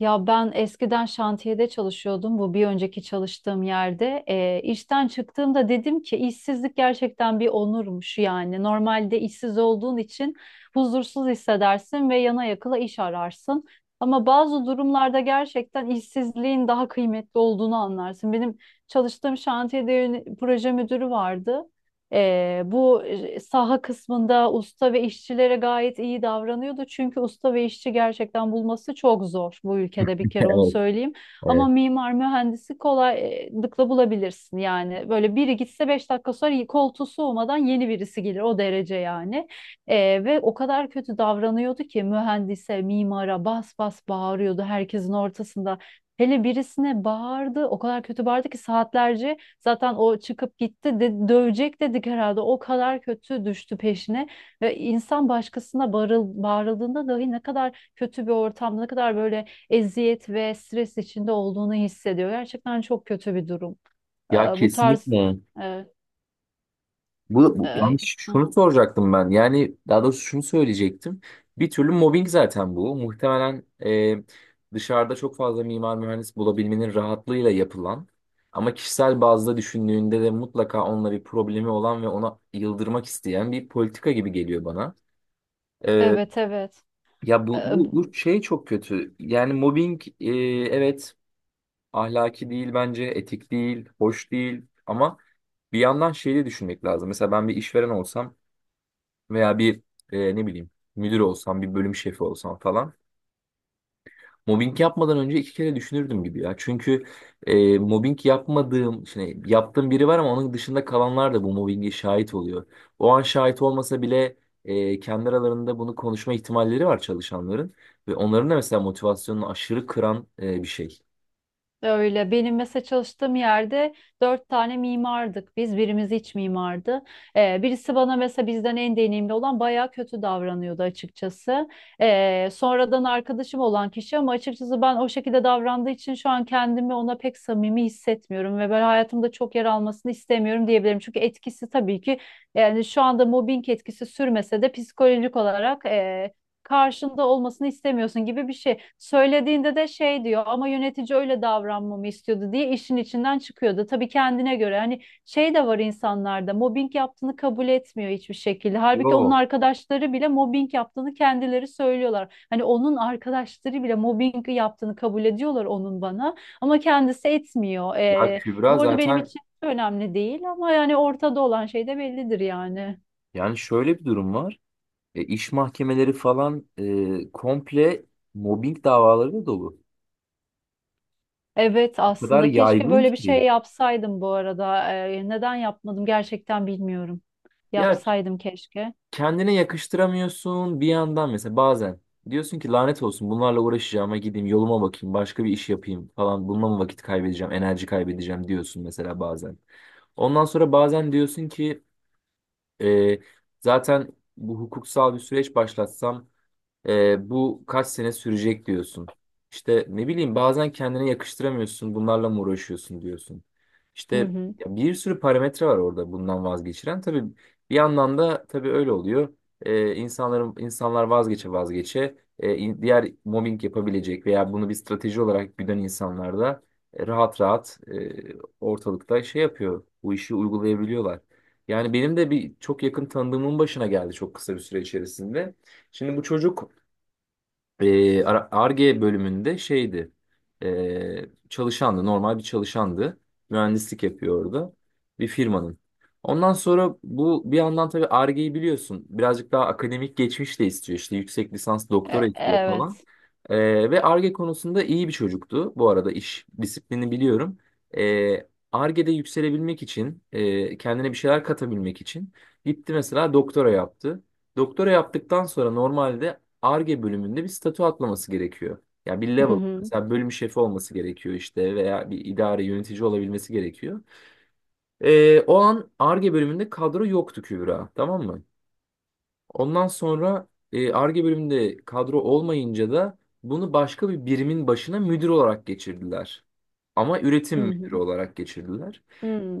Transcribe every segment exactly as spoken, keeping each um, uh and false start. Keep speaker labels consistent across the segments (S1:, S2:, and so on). S1: Ya ben eskiden şantiyede çalışıyordum. Bu bir önceki çalıştığım yerde. Eee işten çıktığımda dedim ki işsizlik gerçekten bir onurmuş yani. Normalde işsiz olduğun için huzursuz hissedersin ve yana yakıla iş ararsın. Ama bazı durumlarda gerçekten işsizliğin daha kıymetli olduğunu anlarsın. Benim çalıştığım şantiyede yöne- proje müdürü vardı. Ee, bu e, saha kısmında usta ve işçilere gayet iyi davranıyordu. Çünkü usta ve işçi gerçekten bulması çok zor bu ülkede bir kere onu
S2: Evet,
S1: söyleyeyim. Ama
S2: evet.
S1: mimar mühendisi kolaylıkla bulabilirsin yani. Böyle biri gitse beş dakika sonra koltuğu soğumadan yeni birisi gelir o derece yani. Ee, Ve o kadar kötü davranıyordu ki mühendise, mimara bas bas bağırıyordu herkesin ortasında. Hele birisine bağırdı, o kadar kötü bağırdı ki saatlerce. Zaten o çıkıp gitti de, dövecek dedik herhalde. O kadar kötü düştü peşine. Ve insan başkasına bağırıl, bağırıldığında dahi ne kadar kötü bir ortamda, ne kadar böyle eziyet ve stres içinde olduğunu hissediyor. Gerçekten çok kötü bir durum. Ee,
S2: Ya
S1: Bu tarz...
S2: kesinlikle.
S1: Ee,
S2: Bu, bu
S1: e,
S2: yani
S1: hı.
S2: şunu soracaktım ben. Yani daha doğrusu şunu söyleyecektim. Bir türlü mobbing zaten bu. Muhtemelen e, dışarıda çok fazla mimar mühendis bulabilmenin rahatlığıyla yapılan ama kişisel bazda düşündüğünde de mutlaka onunla bir problemi olan ve ona yıldırmak isteyen bir politika gibi geliyor bana. E,
S1: Evet, evet.
S2: ya bu,
S1: Ee,
S2: bu, bu şey çok kötü. Yani mobbing e, evet ahlaki değil bence, etik değil, hoş değil ama bir yandan şeyi de düşünmek lazım. Mesela ben bir işveren olsam veya bir e, ne bileyim müdür olsam, bir bölüm şefi olsam falan mobbing yapmadan önce iki kere düşünürdüm gibi ya. Çünkü e, mobbing yapmadığım, şimdi yaptığım biri var ama onun dışında kalanlar da bu mobbinge şahit oluyor. O an şahit olmasa bile e, kendi aralarında bunu konuşma ihtimalleri var çalışanların ve onların da mesela motivasyonunu aşırı kıran e, bir şey.
S1: Öyle. Benim mesela çalıştığım yerde dört tane mimardık biz. Birimiz iç mimardı. Ee, birisi bana mesela bizden en deneyimli olan bayağı kötü davranıyordu açıkçası. Ee, sonradan arkadaşım olan kişi ama açıkçası ben o şekilde davrandığı için şu an kendimi ona pek samimi hissetmiyorum ve ben hayatımda çok yer almasını istemiyorum diyebilirim. Çünkü etkisi tabii ki yani şu anda mobbing etkisi sürmese de psikolojik olarak e, karşında olmasını istemiyorsun gibi bir şey. Söylediğinde de şey diyor ama yönetici öyle davranmamı istiyordu diye işin içinden çıkıyordu. Tabii kendine göre hani şey de var insanlarda mobbing yaptığını kabul etmiyor hiçbir şekilde. Halbuki onun
S2: Yok.
S1: arkadaşları bile mobbing yaptığını kendileri söylüyorlar. Hani onun arkadaşları bile mobbing yaptığını kabul ediyorlar onun bana, ama kendisi etmiyor.
S2: Ya
S1: Ee,
S2: Kübra
S1: bu arada benim
S2: zaten
S1: için önemli değil ama yani ortada olan şey de bellidir yani.
S2: yani şöyle bir durum var. E, iş mahkemeleri falan e, komple mobbing davalarıyla dolu.
S1: Evet,
S2: O kadar
S1: aslında keşke
S2: yaygın
S1: böyle bir şey
S2: ki.
S1: yapsaydım bu arada. Ee, neden yapmadım gerçekten bilmiyorum.
S2: Ya
S1: Yapsaydım keşke.
S2: kendine yakıştıramıyorsun bir yandan mesela bazen. Diyorsun ki lanet olsun bunlarla uğraşacağıma gideyim yoluma bakayım başka bir iş yapayım falan. Bununla mı vakit kaybedeceğim enerji kaybedeceğim diyorsun mesela bazen. Ondan sonra bazen diyorsun ki e, zaten bu hukuksal bir süreç başlatsam. Ee, bu kaç sene sürecek diyorsun. İşte ne bileyim bazen kendine yakıştıramıyorsun, bunlarla mı uğraşıyorsun diyorsun. İşte
S1: Hı hı.
S2: ya bir sürü parametre var orada bundan vazgeçiren. Tabii bir yandan da tabii öyle oluyor. Ee, insanların insanlar vazgeçe vazgeçe e, in- diğer mobbing yapabilecek veya bunu bir strateji olarak güden insanlar da e, rahat rahat e, ortalıkta şey yapıyor. Bu işi uygulayabiliyorlar. Yani benim de bir çok yakın tanıdığımın başına geldi çok kısa bir süre içerisinde. Şimdi bu çocuk e, Ar- Ar-Ge bölümünde şeydi. E, çalışandı. Normal bir çalışandı. Mühendislik yapıyor orada. Bir firmanın. Ondan sonra bu bir yandan tabii Ar-Ge'yi biliyorsun. Birazcık daha akademik geçmiş de istiyor. İşte yüksek lisans doktora
S1: E-
S2: istiyor falan.
S1: evet.
S2: E, ve Ar-Ge konusunda iyi bir çocuktu. Bu arada iş disiplini biliyorum. E, Ar-Ge'de yükselebilmek için, e, kendine bir şeyler katabilmek için gitti mesela doktora yaptı. Doktora yaptıktan sonra normalde Ar-Ge bölümünde bir statü atlaması gerekiyor. Yani bir
S1: Hı
S2: level.
S1: hı.
S2: Mesela bölüm şefi olması gerekiyor işte veya bir idare yönetici olabilmesi gerekiyor. Ee, o an Ar-Ge bölümünde kadro yoktu Kübra. Tamam mı? Ondan sonra e, Ar-Ge bölümünde kadro olmayınca da bunu başka bir birimin başına müdür olarak geçirdiler. Ama üretim
S1: Hı
S2: müdürü
S1: hı.
S2: olarak geçirdiler.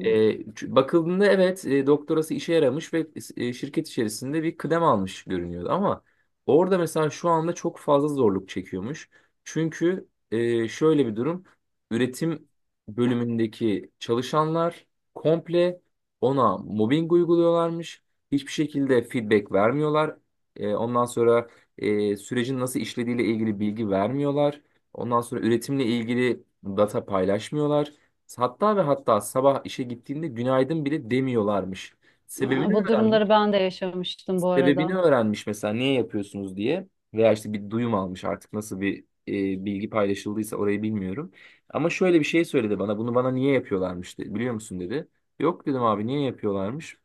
S2: E, ç- bakıldığında evet e, doktorası işe yaramış ve e, şirket içerisinde bir kıdem almış görünüyordu. Ama orada mesela şu anda çok fazla zorluk çekiyormuş. Çünkü e, şöyle bir durum. Üretim bölümündeki çalışanlar komple ona mobbing uyguluyorlarmış. Hiçbir şekilde feedback vermiyorlar. E, ondan sonra e, sürecin nasıl işlediğiyle ilgili bilgi vermiyorlar. Ondan sonra üretimle ilgili data paylaşmıyorlar. Hatta ve hatta sabah işe gittiğinde günaydın bile demiyorlarmış. Sebebini
S1: Aa, bu
S2: öğrenmiş.
S1: durumları ben de yaşamıştım bu
S2: Sebebini
S1: arada.
S2: öğrenmiş mesela niye yapıyorsunuz diye. Veya işte bir duyum almış artık nasıl bir e, bilgi paylaşıldıysa orayı bilmiyorum. Ama şöyle bir şey söyledi bana. Bunu bana niye yapıyorlarmış dedi. Biliyor musun dedi. Yok dedim abi niye yapıyorlarmış.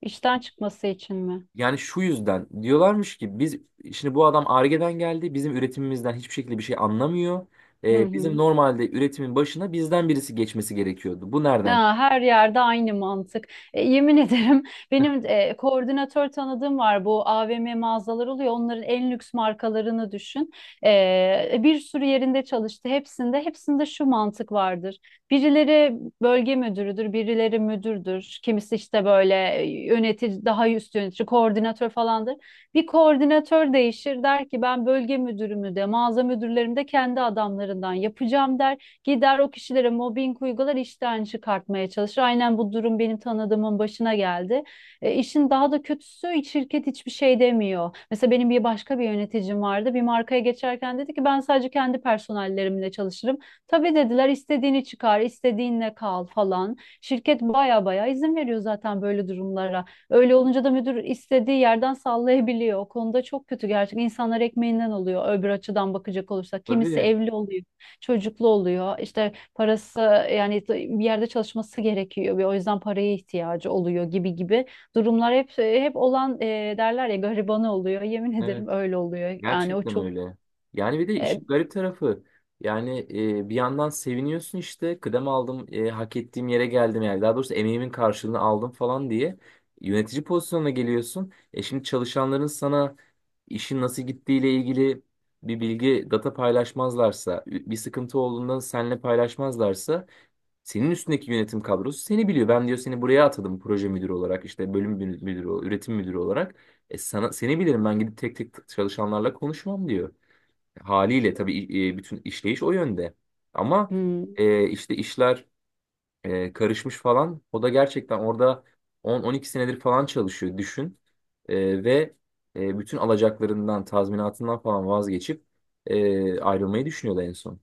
S1: İşten çıkması için mi?
S2: Yani şu yüzden diyorlarmış ki biz şimdi bu adam Ar-Ge'den geldi bizim üretimimizden hiçbir şekilde bir şey anlamıyor.
S1: Hı
S2: Ee, bizim
S1: hı.
S2: normalde üretimin başına bizden birisi geçmesi gerekiyordu. Bu nereden?
S1: Ya, her yerde aynı mantık. E, yemin ederim benim e, koordinatör tanıdığım var. Bu AVM mağazalar oluyor. Onların en lüks markalarını düşün. E, bir sürü yerinde çalıştı. Hepsinde, hepsinde şu mantık vardır. Birileri bölge müdürüdür, birileri müdürdür. Kimisi işte böyle e, yönetici, daha üst yönetici, koordinatör falandır. Bir koordinatör değişir der ki ben bölge müdürümü de mağaza müdürlerimi de kendi adamlarından yapacağım der. Gider o kişilere mobbing uygular, işten çıkartmaya çalışır. Aynen bu durum benim tanıdığımın başına geldi. E, işin daha da kötüsü şirket hiçbir şey demiyor. Mesela benim bir başka bir yöneticim vardı. Bir markaya geçerken dedi ki ben sadece kendi personellerimle çalışırım. Tabii dediler istediğini çıkar, istediğinle kal falan. Şirket baya baya izin veriyor zaten böyle durumlara. Öyle olunca da müdür istediği yerden sallayabiliyor. O konuda çok kötü gerçekten. İnsanlar ekmeğinden oluyor öbür açıdan bakacak olursak. Kimisi
S2: Tabii.
S1: evli oluyor, çocuklu oluyor. İşte parası, yani bir yerde çalışması gerekiyor ve o yüzden paraya ihtiyacı oluyor gibi gibi durumlar hep hep olan, e, derler ya garibanı oluyor. Yemin
S2: Evet.
S1: ederim öyle oluyor. Yani o
S2: Gerçekten
S1: çok
S2: öyle. Yani bir de
S1: e,
S2: işin garip tarafı yani e, bir yandan seviniyorsun işte kıdem aldım, e, hak ettiğim yere geldim yani daha doğrusu emeğimin karşılığını aldım falan diye yönetici pozisyonuna geliyorsun. E şimdi çalışanların sana işin nasıl gittiğiyle ilgili bir bilgi data paylaşmazlarsa bir sıkıntı olduğunda seninle paylaşmazlarsa senin üstündeki yönetim kadrosu seni biliyor. Ben diyor seni buraya atadım proje müdürü olarak, işte bölüm mü- müdürü, üretim müdürü olarak. E sana, seni bilirim ben gidip tek tek çalışanlarla konuşmam diyor. Haliyle tabii e, bütün işleyiş o yönde. Ama
S1: hmm,
S2: e, işte işler e, karışmış falan. O da gerçekten orada on on iki senedir falan çalışıyor düşün. E, ve e, bütün alacaklarından, tazminatından falan vazgeçip e, ayrılmayı düşünüyordu en son.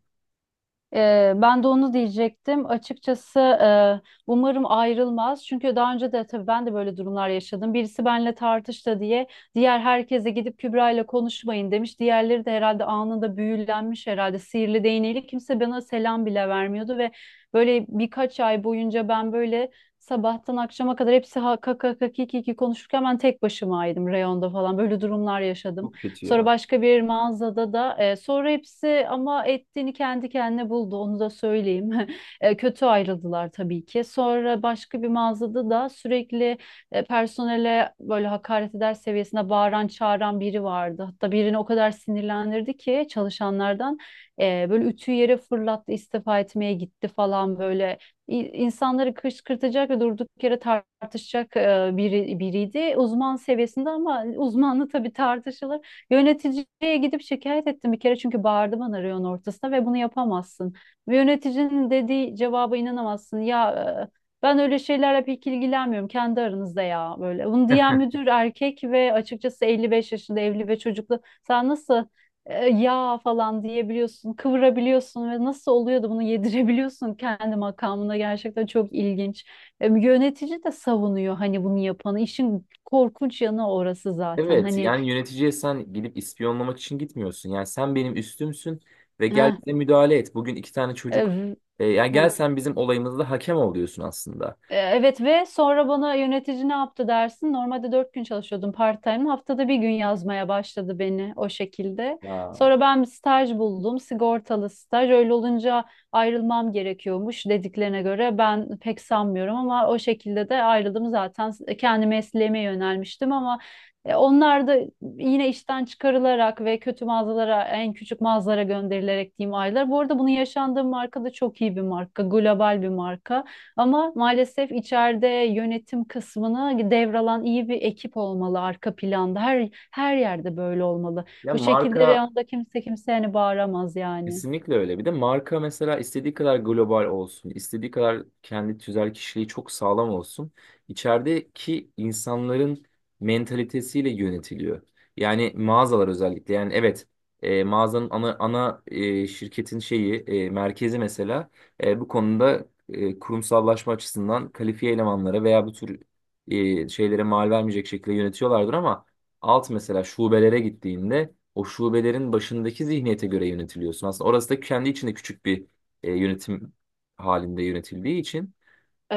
S1: Ee, ben de onu diyecektim. Açıkçası e, umarım ayrılmaz. Çünkü daha önce de tabii ben de böyle durumlar yaşadım. Birisi benimle tartıştı diye diğer herkese gidip Kübra ile konuşmayın demiş. Diğerleri de herhalde anında büyülenmiş herhalde sihirli değneğiyle kimse bana selam bile vermiyordu ve böyle birkaç ay boyunca ben böyle sabahtan akşama kadar hepsi ha kaka kaki kiki konuşurken ben tek başımaydım reyonda falan böyle durumlar yaşadım.
S2: Çok kötü
S1: Sonra
S2: ya.
S1: başka bir mağazada da e, sonra hepsi ama ettiğini kendi kendine buldu onu da söyleyeyim. E, kötü ayrıldılar tabii ki. Sonra başka bir mağazada da sürekli e, personele böyle hakaret eder seviyesinde bağıran çağıran biri vardı. Hatta birini o kadar sinirlendirdi ki çalışanlardan e, böyle ütüyü yere fırlattı istifa etmeye gitti falan böyle. İ- insanları kışkırtacak ve durduk yere tartışacak e, biri, biriydi. Uzman seviyesinde ama uzmanlı tabii tartışılır. Yöneticiye gidip şikayet ettim bir kere çünkü bağırdı bana reyon ortasında ve bunu yapamazsın. Ve yöneticinin dediği cevaba inanamazsın. Ya, e, ben öyle şeylerle pek ilgilenmiyorum kendi aranızda ya böyle. Bunu diyen müdür erkek ve açıkçası elli beş yaşında evli ve çocuklu. Sen nasıl e, ya falan diyebiliyorsun, kıvırabiliyorsun ve nasıl oluyor da bunu yedirebiliyorsun kendi makamına, gerçekten çok ilginç. E, Yönetici de savunuyor hani bunu yapanı. İşin korkunç yanı orası zaten.
S2: Evet
S1: Hani
S2: yani yöneticiye sen gidip ispiyonlamak için gitmiyorsun. Yani sen benim üstümsün ve gel
S1: eh,
S2: bize müdahale et. Bugün iki tane çocuk
S1: Ev,
S2: e, yani gel
S1: ha.
S2: sen bizim olayımızda hakem ol diyorsun aslında.
S1: E, Evet ve sonra bana yönetici ne yaptı dersin? Normalde dört gün çalışıyordum part-time. Haftada bir gün yazmaya başladı beni o şekilde.
S2: Ya,
S1: Sonra ben bir staj buldum. Sigortalı staj. Öyle olunca ayrılmam gerekiyormuş dediklerine göre. Ben pek sanmıyorum ama o şekilde de ayrıldım zaten. Kendi mesleğime yönelmiştim ama e, onlar da yine işten çıkarılarak ve kötü mağazalara, en küçük mağazalara gönderilerek diyeyim aylar. Bu arada bunu yaşandığım marka da çok iyi bir marka. Global bir marka. Ama maalesef içeride yönetim kısmını devralan iyi bir ekip olmalı arka planda. Her her yerde böyle olmalı.
S2: ya
S1: Bu şekilde
S2: marka
S1: reyonda kimse kimseye hani bağıramaz yani.
S2: kesinlikle öyle. Bir de marka mesela istediği kadar global olsun, istediği kadar kendi tüzel kişiliği çok sağlam olsun. İçerideki insanların mentalitesiyle yönetiliyor. Yani mağazalar özellikle. Yani evet e, mağazanın ana, ana e, şirketin şeyi e, merkezi mesela e, bu konuda e, kurumsallaşma açısından kalifiye elemanlara veya bu tür e, şeylere mal vermeyecek şekilde yönetiyorlardır ama alt mesela şubelere gittiğinde o şubelerin başındaki zihniyete göre yönetiliyorsun. Aslında orası da kendi içinde küçük bir e, yönetim halinde yönetildiği için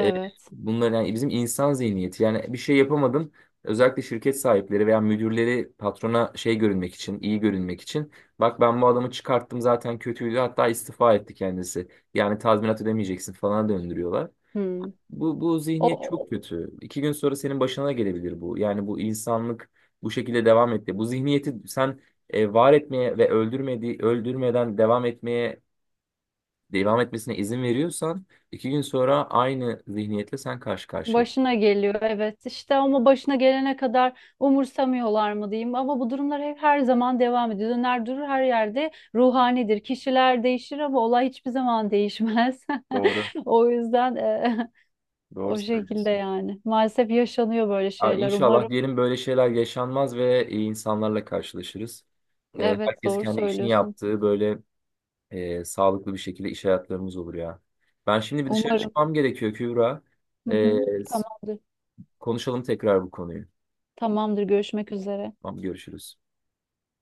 S2: e, bunlar yani bizim insan zihniyeti yani bir şey yapamadın özellikle şirket sahipleri veya müdürleri patrona şey görünmek için iyi görünmek için bak ben bu adamı çıkarttım zaten kötüydü hatta istifa etti kendisi yani tazminat ödemeyeceksin falan döndürüyorlar.
S1: Hmm.
S2: Bu, bu
S1: O
S2: zihniyet çok
S1: o-
S2: kötü. İki gün sonra senin başına gelebilir bu. Yani bu insanlık bu şekilde devam etti. Bu zihniyeti sen e, var etmeye ve öldürmedi, öldürmeden devam etmeye devam etmesine izin veriyorsan iki gün sonra aynı zihniyetle sen karşı karşıya.
S1: Başına geliyor evet işte, ama başına gelene kadar umursamıyorlar mı diyeyim, ama bu durumlar hep her zaman devam ediyor. Döner durur her yerde ruhanidir. Kişiler değişir ama olay hiçbir zaman değişmez.
S2: Doğru.
S1: O yüzden e,
S2: Doğru
S1: o şekilde
S2: söylüyorsun.
S1: yani. Maalesef yaşanıyor böyle
S2: Aa,
S1: şeyler.
S2: İnşallah
S1: Umarım.
S2: diyelim böyle şeyler yaşanmaz ve iyi insanlarla karşılaşırız. E,
S1: Evet
S2: herkes
S1: doğru
S2: kendi işini
S1: söylüyorsun.
S2: yaptığı böyle e, sağlıklı bir şekilde iş hayatlarımız olur ya. Ben şimdi bir dışarı
S1: Umarım.
S2: çıkmam gerekiyor Kübra.
S1: Hı
S2: E,
S1: hı.
S2: s-
S1: Tamamdır.
S2: konuşalım tekrar bu konuyu.
S1: Tamamdır. Görüşmek üzere.
S2: Tamam, görüşürüz.